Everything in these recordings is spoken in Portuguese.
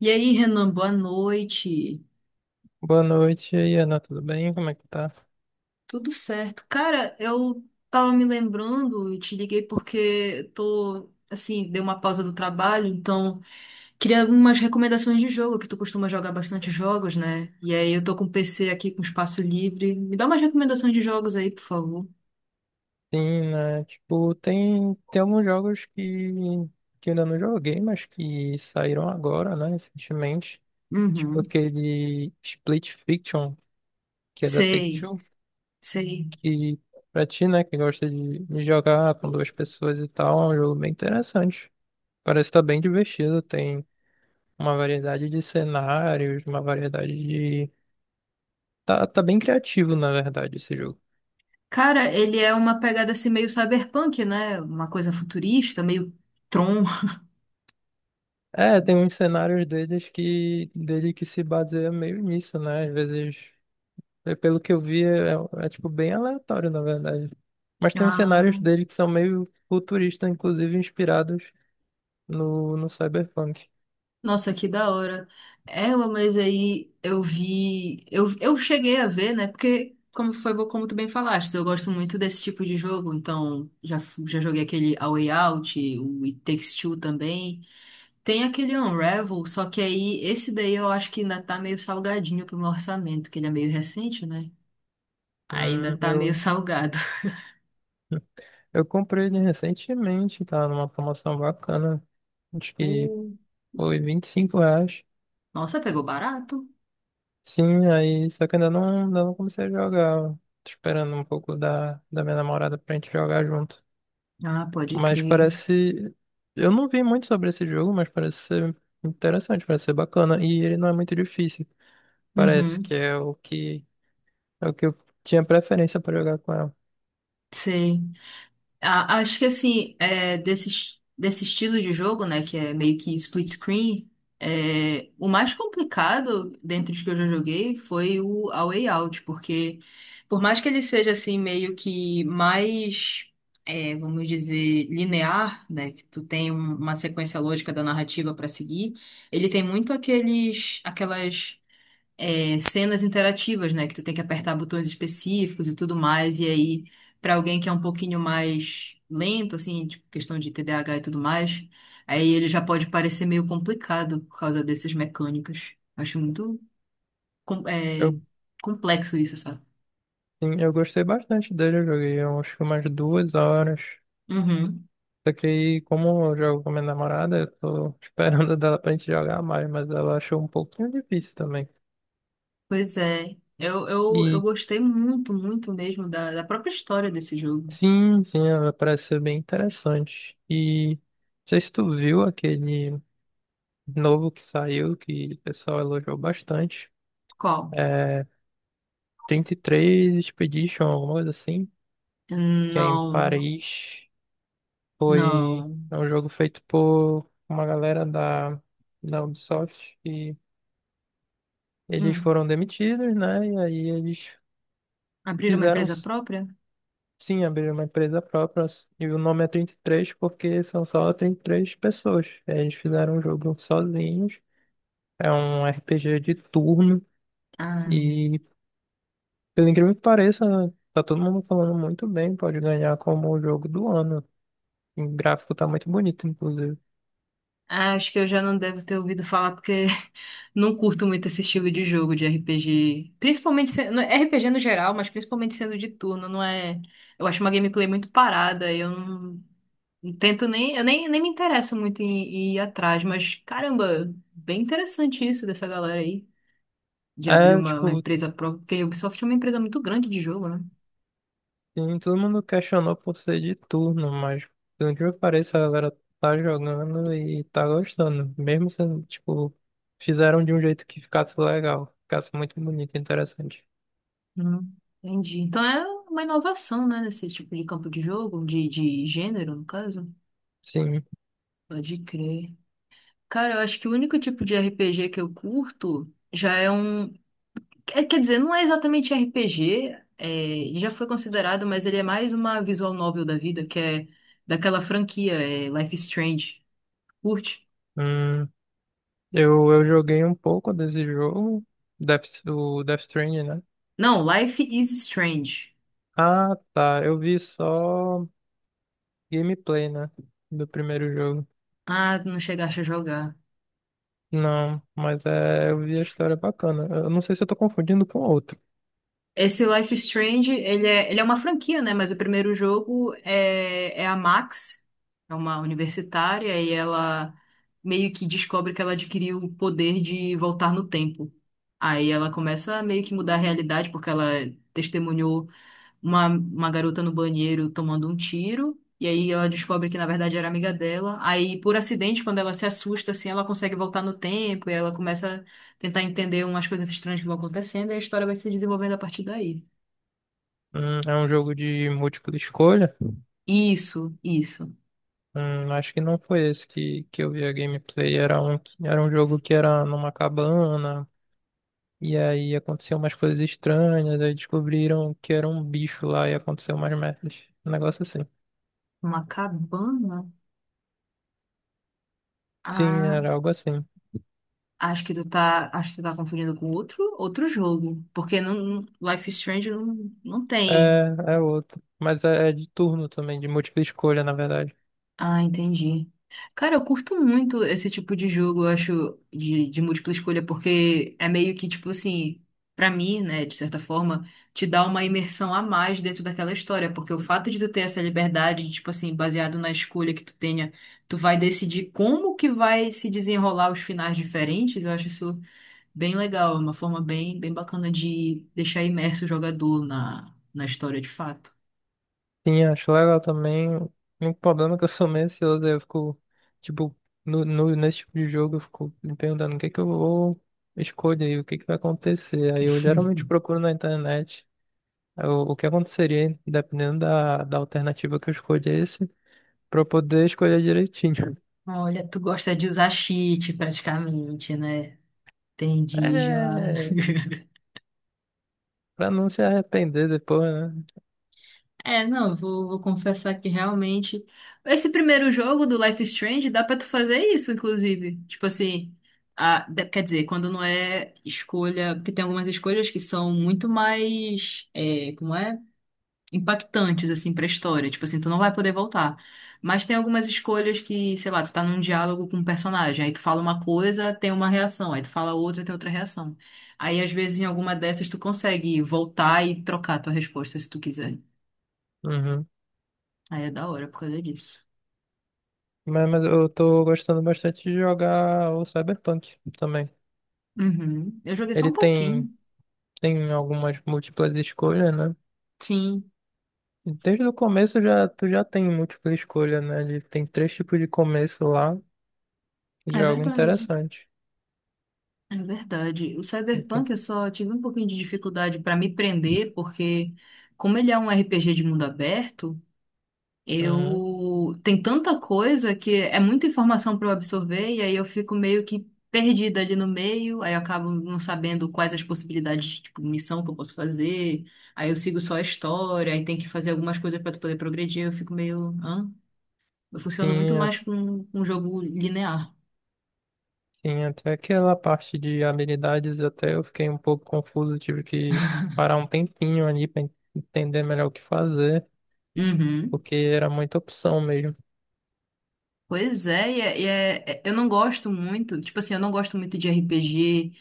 E aí, Renan, boa noite. Boa noite, e aí, Ana, tudo bem? Como é que tá? Tudo certo? Cara, eu tava me lembrando e te liguei porque tô, assim, dei uma pausa do trabalho, então queria algumas recomendações de jogo, que tu costuma jogar bastante jogos, né? E aí eu tô com o PC aqui com espaço livre. Me dá umas recomendações de jogos aí, por favor. Sim, né? Tipo, tem alguns jogos que eu ainda não joguei, mas que saíram agora, né? Recentemente. Tipo Uhum. aquele Split Fiction, que é da Sei, Take-Two, sei. que pra ti, né, que gosta de jogar com duas pessoas e tal, é um jogo bem interessante. Parece estar tá bem divertido, tem uma variedade de cenários, uma variedade de. Tá bem criativo, na verdade, esse jogo. Cara, ele é uma pegada assim meio cyberpunk, né? Uma coisa futurista, meio Tron. É, tem uns cenários dele que se baseia meio nisso, né? Às vezes, pelo que eu vi, tipo bem aleatório, na verdade. Mas tem uns cenários Ah. dele que são meio futuristas, inclusive inspirados no Cyberpunk. Nossa, que da hora. Ela, mas aí eu vi. Eu cheguei a ver, né? Porque, como foi como tu bem falaste, eu gosto muito desse tipo de jogo. Então, já, já joguei aquele A Way Out, o It Takes Two também. Tem aquele Unravel, só que aí esse daí eu acho que ainda tá meio salgadinho pro meu orçamento, que ele é meio recente, né? Ainda Hum, tá meio eu, salgado. eu comprei ele recentemente, tá? Numa promoção bacana. Acho que Uh, foi vinte e cinco reais. nossa, pegou barato. Sim, aí só que ainda não comecei a jogar. Tô esperando um pouco da minha namorada pra gente jogar junto. Ah, pode Mas crer. parece. Eu não vi muito sobre esse jogo, mas parece ser interessante, parece ser bacana. E ele não é muito difícil. Parece Uhum, que é o que eu tinha preferência para jogar com ela. sei. Acho que assim, é, desse estilo de jogo, né, que é meio que split screen, é, o mais complicado dentre os que eu já joguei foi o A Way Out, porque por mais que ele seja assim meio que mais, é, vamos dizer, linear, né, que tu tem uma sequência lógica da narrativa para seguir, ele tem muito aquelas é, cenas interativas, né? Que tu tem que apertar botões específicos e tudo mais. E aí, pra alguém que é um pouquinho mais lento, assim, tipo, questão de TDAH e tudo mais, aí ele já pode parecer meio complicado por causa dessas mecânicas. Acho muito, com- é, Eu, complexo isso, sabe? sim, eu gostei bastante dele, eu joguei eu acho que umas 2 horas. Uhum. Só que aí, como eu jogo com minha namorada, eu tô esperando dela pra gente jogar mais, mas ela achou um pouquinho difícil também. Pois é. Eu E gostei muito, muito mesmo da própria história desse jogo. sim, sim, ela parece ser bem interessante. E não sei se tu viu aquele novo que saiu, que o pessoal elogiou bastante. Qual? É 33 Expedition, alguma coisa assim, que é em Não, Paris. Foi não. é um jogo feito por uma galera da Ubisoft e eles Hum. foram demitidos, né? E aí eles Abrir uma fizeram. empresa própria? Sim, abrir uma empresa própria. E o nome é 33 porque são só 33 pessoas. Eles fizeram um jogo sozinhos. É um RPG de turno. Ah. E pelo incrível que pareça, tá todo mundo falando muito bem, pode ganhar como o jogo do ano. O gráfico tá muito bonito, inclusive. Ah, acho que eu já não devo ter ouvido falar porque não curto muito esse estilo de jogo de RPG. Principalmente sendo, RPG no geral, mas principalmente sendo de turno, não é? Eu acho uma gameplay muito parada, eu não, não tento nem, eu nem, nem me interesso muito em, em ir atrás, mas caramba, bem interessante isso dessa galera aí de abrir É, uma tipo, empresa própria, porque a Ubisoft é uma empresa muito grande de jogo, né? sim, todo mundo questionou por ser de turno, mas pelo incrível que pareça, a galera tá jogando e tá gostando. Mesmo sendo, tipo, fizeram de um jeito que ficasse legal, ficasse muito bonito e interessante. Hum, entendi. Então é uma inovação, né, nesse tipo de campo de jogo, de gênero, no caso. Sim, Pode crer. Cara, eu acho que o único tipo de RPG que eu curto já é um. Quer dizer, não é exatamente RPG, é, ele já foi considerado, mas ele é mais uma visual novel da vida, que é daquela franquia, é Life is Strange. Curte? hum, eu joguei um pouco desse jogo, o Death Stranding, né? Não, Life is Strange. Ah, tá, eu vi só. Gameplay, né? Do primeiro jogo. Ah, tu não chegaste a jogar. Não, mas eu vi a história bacana. Eu não sei se eu tô confundindo com outro. Esse Life is Strange, ele é uma franquia, né? Mas o primeiro jogo é, é a Max, é uma universitária, e ela meio que descobre que ela adquiriu o poder de voltar no tempo. Aí ela começa a meio que mudar a realidade, porque ela testemunhou uma garota no banheiro tomando um tiro. E aí ela descobre que na verdade era amiga dela. Aí, por acidente, quando ela se assusta, assim, ela consegue voltar no tempo e ela começa a tentar entender umas coisas estranhas que vão acontecendo e a história vai se desenvolvendo a partir daí. É um jogo de múltipla escolha. Isso, isso. Acho que não foi esse que eu vi a gameplay. Era um jogo que era numa cabana. E aí aconteciam umas coisas estranhas. Aí descobriram que era um bicho lá e aconteceu umas merdas. Um negócio assim. Uma cabana? Sim, Ah, era algo assim. Acho que tu tá confundindo com outro, outro jogo. Porque Life is Strange não, não tem. É, é outro. Mas é de turno também, de múltipla escolha, na verdade. Ah, entendi. Cara, eu curto muito esse tipo de jogo, eu acho, de múltipla escolha, porque é meio que, tipo assim, pra mim, né, de certa forma, te dá uma imersão a mais dentro daquela história, porque o fato de tu ter essa liberdade, de, tipo assim, baseado na escolha que tu tenha, tu vai decidir como que vai se desenrolar os finais diferentes, eu acho isso bem legal, é uma forma bem, bem bacana de deixar imerso o jogador na, na história de fato. Sim, acho legal também. O problema é que eu sou meio ansioso, aí eu fico, tipo, nesse tipo de jogo, eu fico me perguntando o que é que eu vou escolher aí, o que é que vai acontecer. Aí eu geralmente procuro na internet o que aconteceria, dependendo da alternativa que eu escolhesse, pra eu poder escolher direitinho. Olha, tu gosta de usar cheat praticamente, né? Entendi já. É, pra não se arrepender depois, né? É, não, vou confessar que realmente. Esse primeiro jogo do Life is Strange dá pra tu fazer isso, inclusive. Tipo assim, quer dizer, quando não é escolha. Porque tem algumas escolhas que são muito mais. É, como é? Impactantes, assim, pra história. Tipo assim, tu não vai poder voltar. Mas tem algumas escolhas que, sei lá, tu tá num diálogo com um personagem, aí tu fala uma coisa, tem uma reação, aí tu fala outra, tem outra reação. Aí, às vezes, em alguma dessas, tu consegue voltar e trocar a tua resposta se tu quiser. Uhum. Aí é da hora por causa disso. Mas eu tô gostando bastante de jogar o Cyberpunk também. Uhum. Eu joguei só um Ele tem, pouquinho. tem algumas múltiplas escolhas, né? Sim, Desde o começo já, tu já tem múltipla escolha, né? Tem três tipos de começo lá, é de algo verdade. interessante. É verdade. O E Cyberpunk tem- eu só tive um pouquinho de dificuldade pra me prender, porque como ele é um RPG de mundo aberto, Uhum. eu tem tanta coisa que é muita informação para eu absorver e aí eu fico meio que perdida ali no meio, aí eu acabo não sabendo quais as possibilidades, tipo, missão que eu posso fazer. Aí eu sigo só a história, aí tem que fazer algumas coisas para tu poder progredir, eu fico meio, hã? Eu funciono muito Tinha, mais com um jogo linear. tinha até aquela parte de habilidades, até eu fiquei um pouco confuso, tive que parar um tempinho ali para entender melhor o que fazer, Uhum. porque era muita opção mesmo. Pois é, eu não gosto muito, tipo assim, eu não gosto muito de RPG,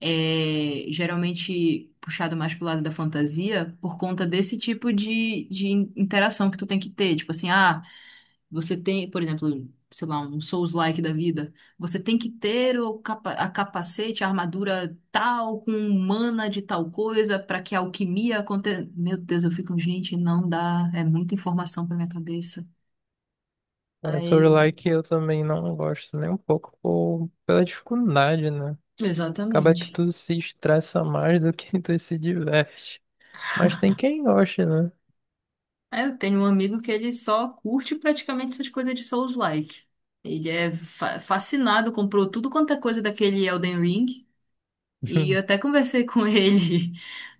é, geralmente puxado mais pro lado da fantasia por conta desse tipo de, de interação que tu tem que ter. Tipo assim, ah, você tem, por exemplo, sei lá, um Souls-like da vida. Você tem que ter o a capacete, a armadura tal, com mana de tal coisa, pra que a alquimia aconteça. Meu Deus, eu fico, gente, não dá. É muita informação pra minha cabeça. É, Aí, sobre o like eu também não gosto nem um pouco pela dificuldade, né? Acaba que exatamente. tu se estressa mais do que tu se diverte. Mas tem quem goste, né? É, eu tenho um amigo que ele só curte praticamente essas coisas de Souls-like. Ele é fascinado, comprou tudo quanto é coisa daquele Elden Ring. E eu até conversei com ele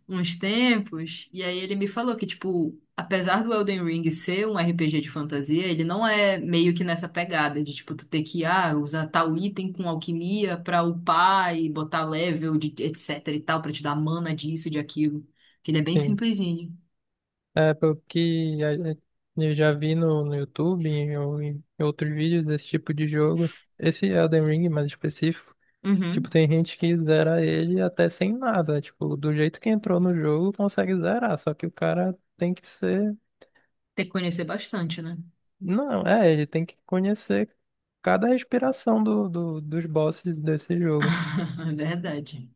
uns tempos, e aí ele me falou que, tipo, apesar do Elden Ring ser um RPG de fantasia, ele não é meio que nessa pegada de, tipo, tu ter que, ah, usar tal item com alquimia pra upar e botar level, de, etc e tal, pra te dar mana disso, de aquilo. Que ele é bem Sim. simplesinho. É, pelo que eu já vi no YouTube ou em outros vídeos desse tipo de jogo, esse Elden Ring mais específico, tipo, Uhum. tem gente que zera ele até sem nada, tipo, do jeito que entrou no jogo consegue zerar, só que o cara tem que ser. Tem que conhecer bastante, né? Não, ele tem que conhecer cada respiração dos bosses desse jogo. É verdade.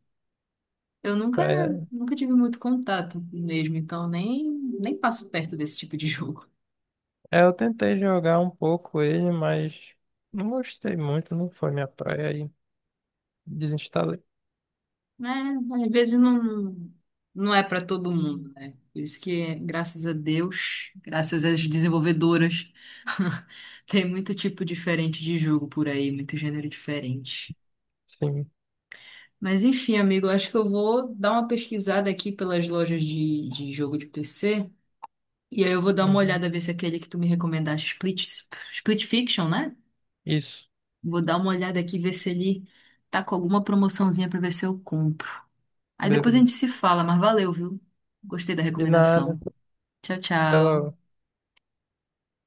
Eu nunca, Pra- nunca tive muito contato mesmo, então nem passo perto desse tipo de jogo. É, eu tentei jogar um pouco ele, mas não gostei muito, não foi minha praia e desinstalei. É, às vezes não, não é para todo mundo, né? Por isso que, graças a Deus, graças às desenvolvedoras, tem muito tipo diferente de jogo por aí, muito gênero diferente. Sim. Mas enfim, amigo, eu acho que eu vou dar uma pesquisada aqui pelas lojas de jogo de PC. E aí eu vou dar uma Uhum. olhada, ver se é aquele que tu me recomendaste, Split Fiction, né? Isso, Vou dar uma olhada aqui, ver se ele tá com alguma promoçãozinha pra ver se eu compro. Aí depois a gente beleza. se fala, mas valeu, viu? Gostei da De nada, recomendação. Tchau, até logo. tchau.